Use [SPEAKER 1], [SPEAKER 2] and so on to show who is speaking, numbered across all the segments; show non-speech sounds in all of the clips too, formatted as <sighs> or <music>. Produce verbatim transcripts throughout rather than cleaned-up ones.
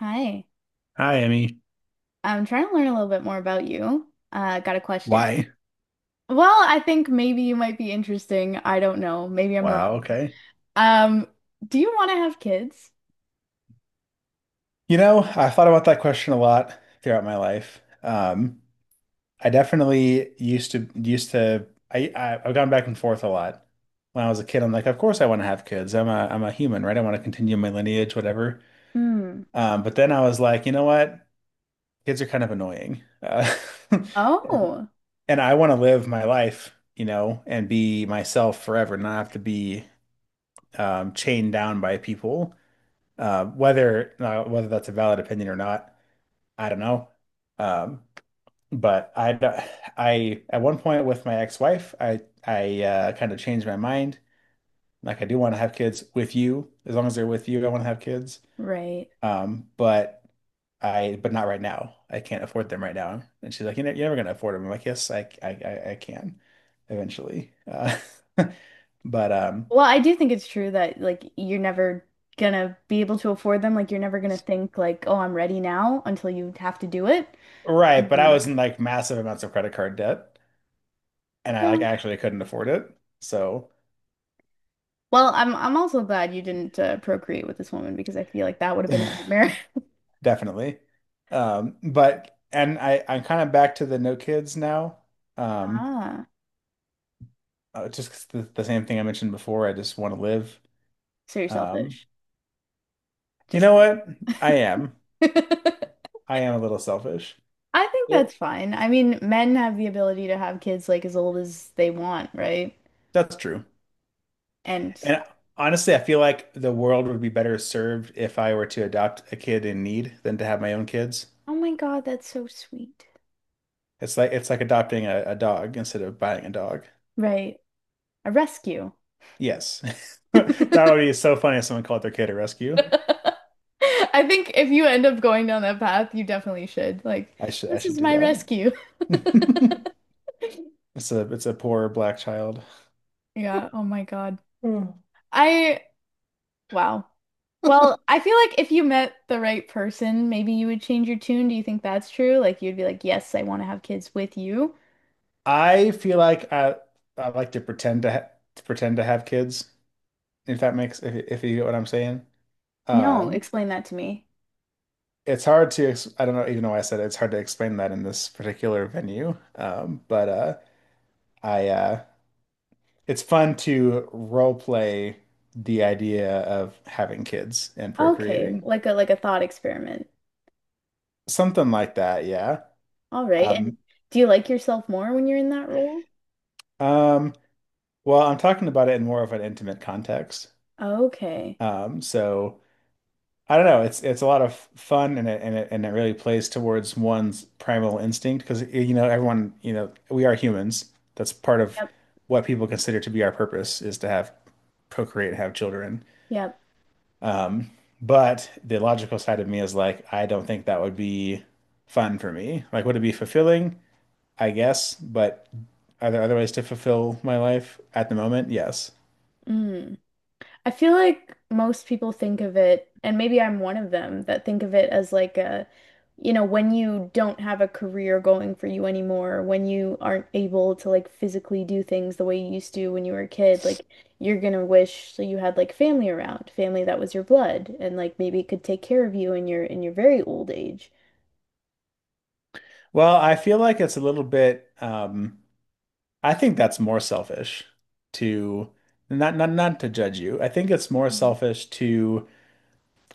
[SPEAKER 1] Hi.
[SPEAKER 2] Hi, Emmy.
[SPEAKER 1] I'm trying to learn a little bit more about you. Uh, got a question.
[SPEAKER 2] Why?
[SPEAKER 1] Well, I think maybe you might be interesting. I don't know. Maybe I'm
[SPEAKER 2] Wow,
[SPEAKER 1] wrong.
[SPEAKER 2] okay.
[SPEAKER 1] Um, do you want to have kids?
[SPEAKER 2] You know, I thought about that question a lot throughout my life. Um, I definitely used to used to I, I I've gone back and forth a lot. When I was a kid, I'm like, of course I want to have kids. I'm a I'm a human, right? I want to continue my lineage, whatever.
[SPEAKER 1] Hmm.
[SPEAKER 2] Um, but then I was like, you know what? Kids are kind of annoying. Uh, <laughs> and,
[SPEAKER 1] Oh,
[SPEAKER 2] and I want to live my life, you know, and be myself forever, not have to be um, chained down by people. Uh, whether uh, whether that's a valid opinion or not, I don't know. Um, but I, I at one point with my ex-wife, I I uh, kind of changed my mind. Like I do want to have kids with you, as long as they're with you, I want to have kids.
[SPEAKER 1] right.
[SPEAKER 2] Um, but I but not right now. I can't afford them right now. And she's like, you know, you're never gonna afford them. I'm like, yes, I I I, I can eventually. Uh, <laughs> but um,
[SPEAKER 1] Well, I do think it's true that like you're never gonna be able to afford them. Like you're never gonna think like, oh, I'm ready now until you have to do it.
[SPEAKER 2] Right. But I
[SPEAKER 1] Mhm.
[SPEAKER 2] was in like massive amounts of credit card debt, and I like
[SPEAKER 1] No.
[SPEAKER 2] actually couldn't afford it. So
[SPEAKER 1] Well, I'm I'm also glad you didn't uh, procreate with this woman because I feel like that would
[SPEAKER 2] <laughs>
[SPEAKER 1] have been a nightmare. <laughs>
[SPEAKER 2] <sighs> definitely. Um, but and I I'm kind of back to the no kids now. Um,
[SPEAKER 1] Ah,
[SPEAKER 2] uh, just 'cause the, the same thing I mentioned before. I just want to live.
[SPEAKER 1] so you're
[SPEAKER 2] Um,
[SPEAKER 1] selfish.
[SPEAKER 2] you
[SPEAKER 1] Just
[SPEAKER 2] know
[SPEAKER 1] kidding.
[SPEAKER 2] what? I am.
[SPEAKER 1] <laughs> I
[SPEAKER 2] I am a little selfish.
[SPEAKER 1] think
[SPEAKER 2] Yep.
[SPEAKER 1] that's fine. I mean, men have the ability to have kids like as old as they want, right?
[SPEAKER 2] That's true.
[SPEAKER 1] And
[SPEAKER 2] And honestly, I feel like the world would be better served if I were to adopt a kid in need than to have my own kids.
[SPEAKER 1] oh my God, that's so sweet.
[SPEAKER 2] It's like it's like adopting a, a dog instead of buying a dog.
[SPEAKER 1] Right. A rescue.
[SPEAKER 2] Yes. <laughs> That
[SPEAKER 1] <laughs>
[SPEAKER 2] would be so funny if someone called their kid a rescue.
[SPEAKER 1] I think if you end up going down that path, you definitely should. Like,
[SPEAKER 2] I should I
[SPEAKER 1] this
[SPEAKER 2] should
[SPEAKER 1] is
[SPEAKER 2] do
[SPEAKER 1] my
[SPEAKER 2] that.
[SPEAKER 1] rescue. <laughs>
[SPEAKER 2] <laughs> It's a it's a poor black child.
[SPEAKER 1] Yeah, oh my God.
[SPEAKER 2] Oh.
[SPEAKER 1] I. Wow. Well, I feel like if you met the right person, maybe you would change your tune. Do you think that's true? Like you'd be like, "Yes, I want to have kids with you."
[SPEAKER 2] I feel like I I like to pretend to, ha to pretend to have kids, if that makes if if you get what I'm saying.
[SPEAKER 1] No,
[SPEAKER 2] Um
[SPEAKER 1] explain that to me.
[SPEAKER 2] it's hard to ex I don't know even though I said it, it's hard to explain that in this particular venue. Um but uh I uh It's fun to role play the idea of having kids and
[SPEAKER 1] Okay,
[SPEAKER 2] procreating.
[SPEAKER 1] like a like a thought experiment.
[SPEAKER 2] Something like that, yeah.
[SPEAKER 1] All right. And
[SPEAKER 2] Um,
[SPEAKER 1] do you like yourself more when you're in that role?
[SPEAKER 2] um, well, I'm talking about it in more of an intimate context.
[SPEAKER 1] Okay.
[SPEAKER 2] Um, so I don't know. It's it's a lot of fun, and it and it and it really plays towards one's primal instinct because you know everyone you know we are humans. That's part of
[SPEAKER 1] Yep.
[SPEAKER 2] what people consider to be our purpose is to have procreate and have children.
[SPEAKER 1] Yep.
[SPEAKER 2] Um, but the logical side of me is like, I don't think that would be fun for me. Like, would it be fulfilling? I guess, but are there other ways to fulfill my life at the moment? Yes.
[SPEAKER 1] Mm. I feel like most people think of it, and maybe I'm one of them that think of it as like a, you know, when you don't have a career going for you anymore, when you aren't able to like physically do things the way you used to when you were a kid, like you're gonna wish so you had like family around, family that was your blood, and like maybe could take care of you in your in your very old age.
[SPEAKER 2] Well, I feel like it's a little bit um I think that's more selfish to not not not to judge you. I think it's more
[SPEAKER 1] Mhm.
[SPEAKER 2] selfish to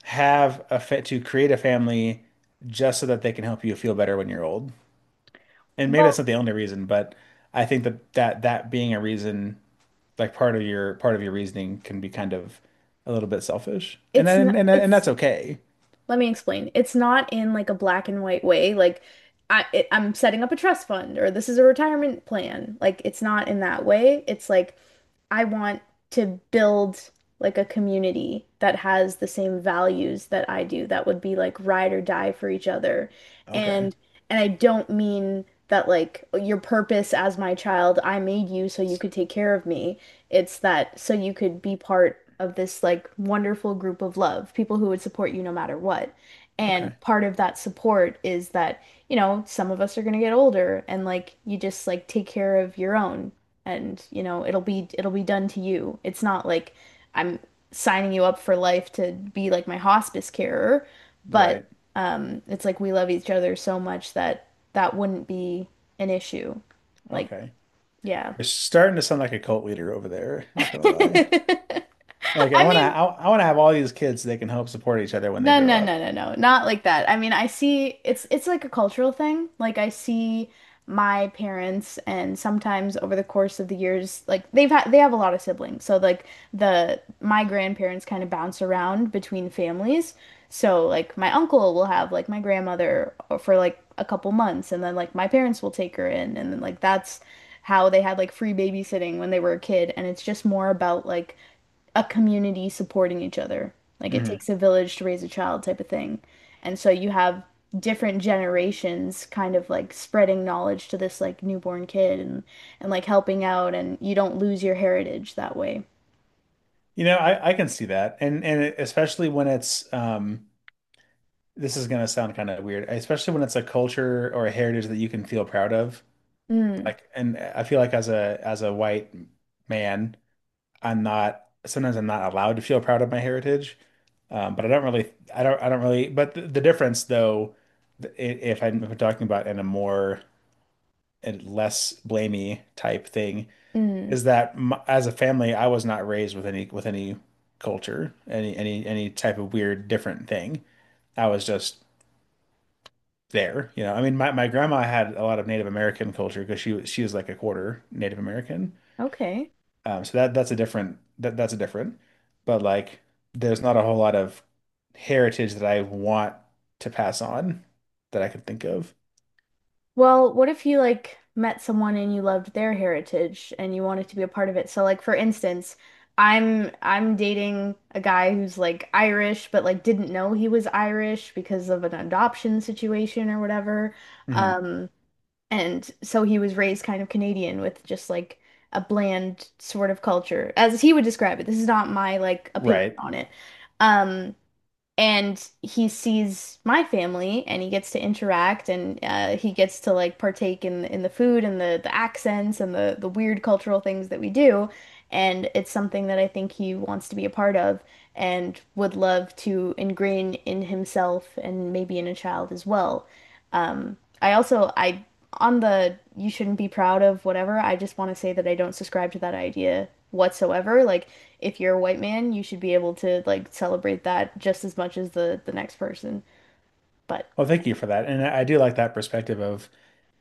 [SPEAKER 2] have a fa to create a family just so that they can help you feel better when you're old. And maybe
[SPEAKER 1] Well,
[SPEAKER 2] that's not the only reason, but I think that that that being a reason like part of your part of your reasoning can be kind of a little bit selfish. And
[SPEAKER 1] it's
[SPEAKER 2] and
[SPEAKER 1] not,
[SPEAKER 2] and, and that's
[SPEAKER 1] it's
[SPEAKER 2] okay.
[SPEAKER 1] let me explain. It's not in like a black and white way. Like I, it, I'm setting up a trust fund or this is a retirement plan. Like it's not in that way. It's like I want to build like a community that has the same values that I do, that would be like ride or die for each other.
[SPEAKER 2] Okay.
[SPEAKER 1] And and I don't mean that like your purpose as my child, I made you so you could take care of me. It's that so you could be part of this like wonderful group of love, people who would support you no matter what.
[SPEAKER 2] Okay.
[SPEAKER 1] And part of that support is that, you know, some of us are going to get older and like you just like take care of your own and you know it'll be it'll be done to you. It's not like I'm signing you up for life to be like my hospice carer. But
[SPEAKER 2] Right.
[SPEAKER 1] um it's like we love each other so much that that wouldn't be an issue. Like,
[SPEAKER 2] Okay.
[SPEAKER 1] yeah.
[SPEAKER 2] You're starting to sound like a cult leader over there, not gonna lie.
[SPEAKER 1] <laughs>
[SPEAKER 2] Like I
[SPEAKER 1] I
[SPEAKER 2] want to,
[SPEAKER 1] mean,
[SPEAKER 2] I, I want to have all these kids so they can help support each other when they
[SPEAKER 1] no,
[SPEAKER 2] grow
[SPEAKER 1] no, no,
[SPEAKER 2] up.
[SPEAKER 1] no, no. Not like that. I mean, I see it's it's like a cultural thing. Like I see my parents and sometimes over the course of the years, like they've had they have a lot of siblings. So like the my grandparents kind of bounce around between families. So like my uncle will have like my grandmother for like a couple months and then like my parents will take her in and then like that's how they had like free babysitting when they were a kid and it's just more about like a community supporting each other. Like it
[SPEAKER 2] Hmm.
[SPEAKER 1] takes a village to raise a child type of thing. And so you have different generations kind of like spreading knowledge to this like newborn kid and and like helping out and you don't lose your heritage that way.
[SPEAKER 2] You know, I, I can see that. And and especially when it's um this is gonna sound kind of weird, especially when it's a culture or a heritage that you can feel proud of.
[SPEAKER 1] Mm,
[SPEAKER 2] Like, and I feel like as a as a white man, I'm not sometimes I'm not allowed to feel proud of my heritage. Um, but I don't really, I don't, I don't really. But the, the difference, though, th- i- if I'm if I'm talking about in a more and less blamey type thing,
[SPEAKER 1] mm.
[SPEAKER 2] is that m as a family, I was not raised with any with any culture, any any any type of weird different thing. I was just there, you know. I mean, my my grandma had a lot of Native American culture because she was she was like a quarter Native American.
[SPEAKER 1] Okay.
[SPEAKER 2] Um, so that that's a different that that's a different, but like there's not a whole lot of heritage that I want to pass on that I could think of.
[SPEAKER 1] Well, what if you like met someone and you loved their heritage and you wanted to be a part of it? So like for instance, I'm I'm dating a guy who's like Irish but like didn't know he was Irish because of an adoption situation or whatever.
[SPEAKER 2] Hmm.
[SPEAKER 1] Um and so he was raised kind of Canadian with just like a bland sort of culture as he would describe it. This is not my like opinion
[SPEAKER 2] Right.
[SPEAKER 1] on it. Um and he sees my family and he gets to interact and uh, he gets to like partake in in the food and the the accents and the the weird cultural things that we do and it's something that I think he wants to be a part of and would love to ingrain in himself and maybe in a child as well. Um, I also I on the you shouldn't be proud of whatever, I just want to say that I don't subscribe to that idea whatsoever. Like if you're a white man, you should be able to like celebrate that just as much as the the next person. But
[SPEAKER 2] Well, thank you for that. And I I do like that perspective of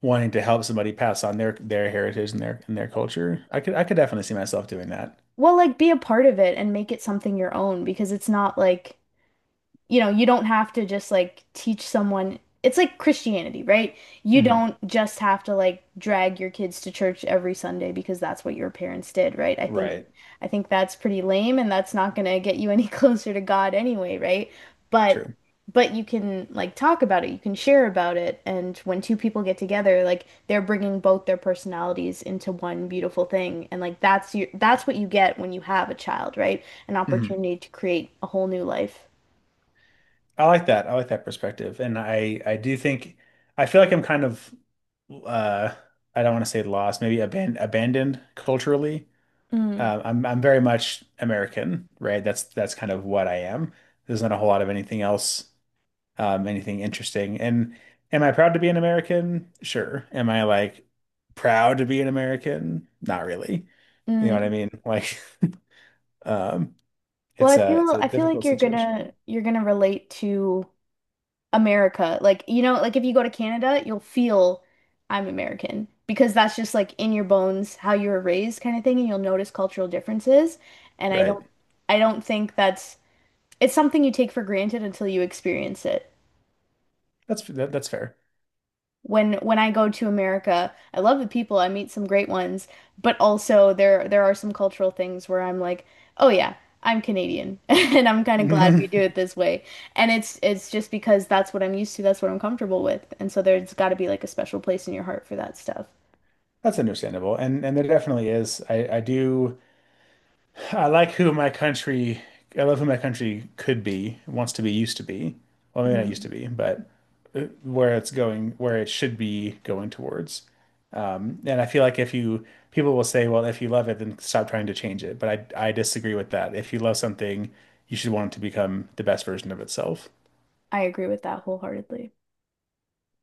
[SPEAKER 2] wanting to help somebody pass on their their heritage and their and their culture. I could I could definitely see myself doing that.
[SPEAKER 1] well, like be a part of it and make it something your own because it's not like you know, you don't have to just like teach someone. It's like Christianity, right? You
[SPEAKER 2] Hmm.
[SPEAKER 1] don't just have to like drag your kids to church every Sunday because that's what your parents did, right? I think
[SPEAKER 2] Right.
[SPEAKER 1] I think that's pretty lame and that's not going to get you any <laughs> closer to God anyway, right? But
[SPEAKER 2] True.
[SPEAKER 1] but you can like talk about it, you can share about it, and when two people get together, like they're bringing both their personalities into one beautiful thing, and like that's you that's what you get when you have a child, right? An
[SPEAKER 2] Mhm.
[SPEAKER 1] opportunity to create a whole new life.
[SPEAKER 2] I like that. I like that perspective. And I I do think I feel like I'm kind of uh I don't want to say lost, maybe aban abandoned culturally.
[SPEAKER 1] Mm.
[SPEAKER 2] Uh, I'm I'm very much American, right? That's that's kind of what I am. There's not a whole lot of anything else, um, anything interesting. And am I proud to be an American? Sure. Am I like proud to be an American? Not really. You know what I
[SPEAKER 1] Mm.
[SPEAKER 2] mean? Like, <laughs> um,
[SPEAKER 1] Well,
[SPEAKER 2] it's
[SPEAKER 1] I
[SPEAKER 2] a it's
[SPEAKER 1] feel
[SPEAKER 2] a
[SPEAKER 1] I feel like
[SPEAKER 2] difficult
[SPEAKER 1] you're
[SPEAKER 2] situation,
[SPEAKER 1] gonna you're gonna relate to America. Like, you know, like if you go to Canada, you'll feel I'm American because that's just like in your bones how you were raised kind of thing, and you'll notice cultural differences. And I
[SPEAKER 2] right?
[SPEAKER 1] don't I don't think that's it's something you take for granted until you experience it.
[SPEAKER 2] That's that, that's fair.
[SPEAKER 1] when when I go to America. I love the people, I meet some great ones, but also there there are some cultural things where I'm like, "Oh yeah, I'm Canadian." <laughs> And I'm kind of glad we do it
[SPEAKER 2] <laughs>
[SPEAKER 1] this way. And it's it's just because that's what I'm used to, that's what I'm comfortable with. And so there's got to be like a special place in your heart for that stuff.
[SPEAKER 2] That's understandable. And and there definitely is. I I do I like who my country I love who my country could be, wants to be, used to be. Well, maybe not used
[SPEAKER 1] Mm,
[SPEAKER 2] to be, but uh, where it's going, where it should be going towards. Um, and I feel like if you people will say, well, if you love it, then stop trying to change it. But I I disagree with that. If you love something, you should want it to become the best version of itself.
[SPEAKER 1] I agree with that wholeheartedly.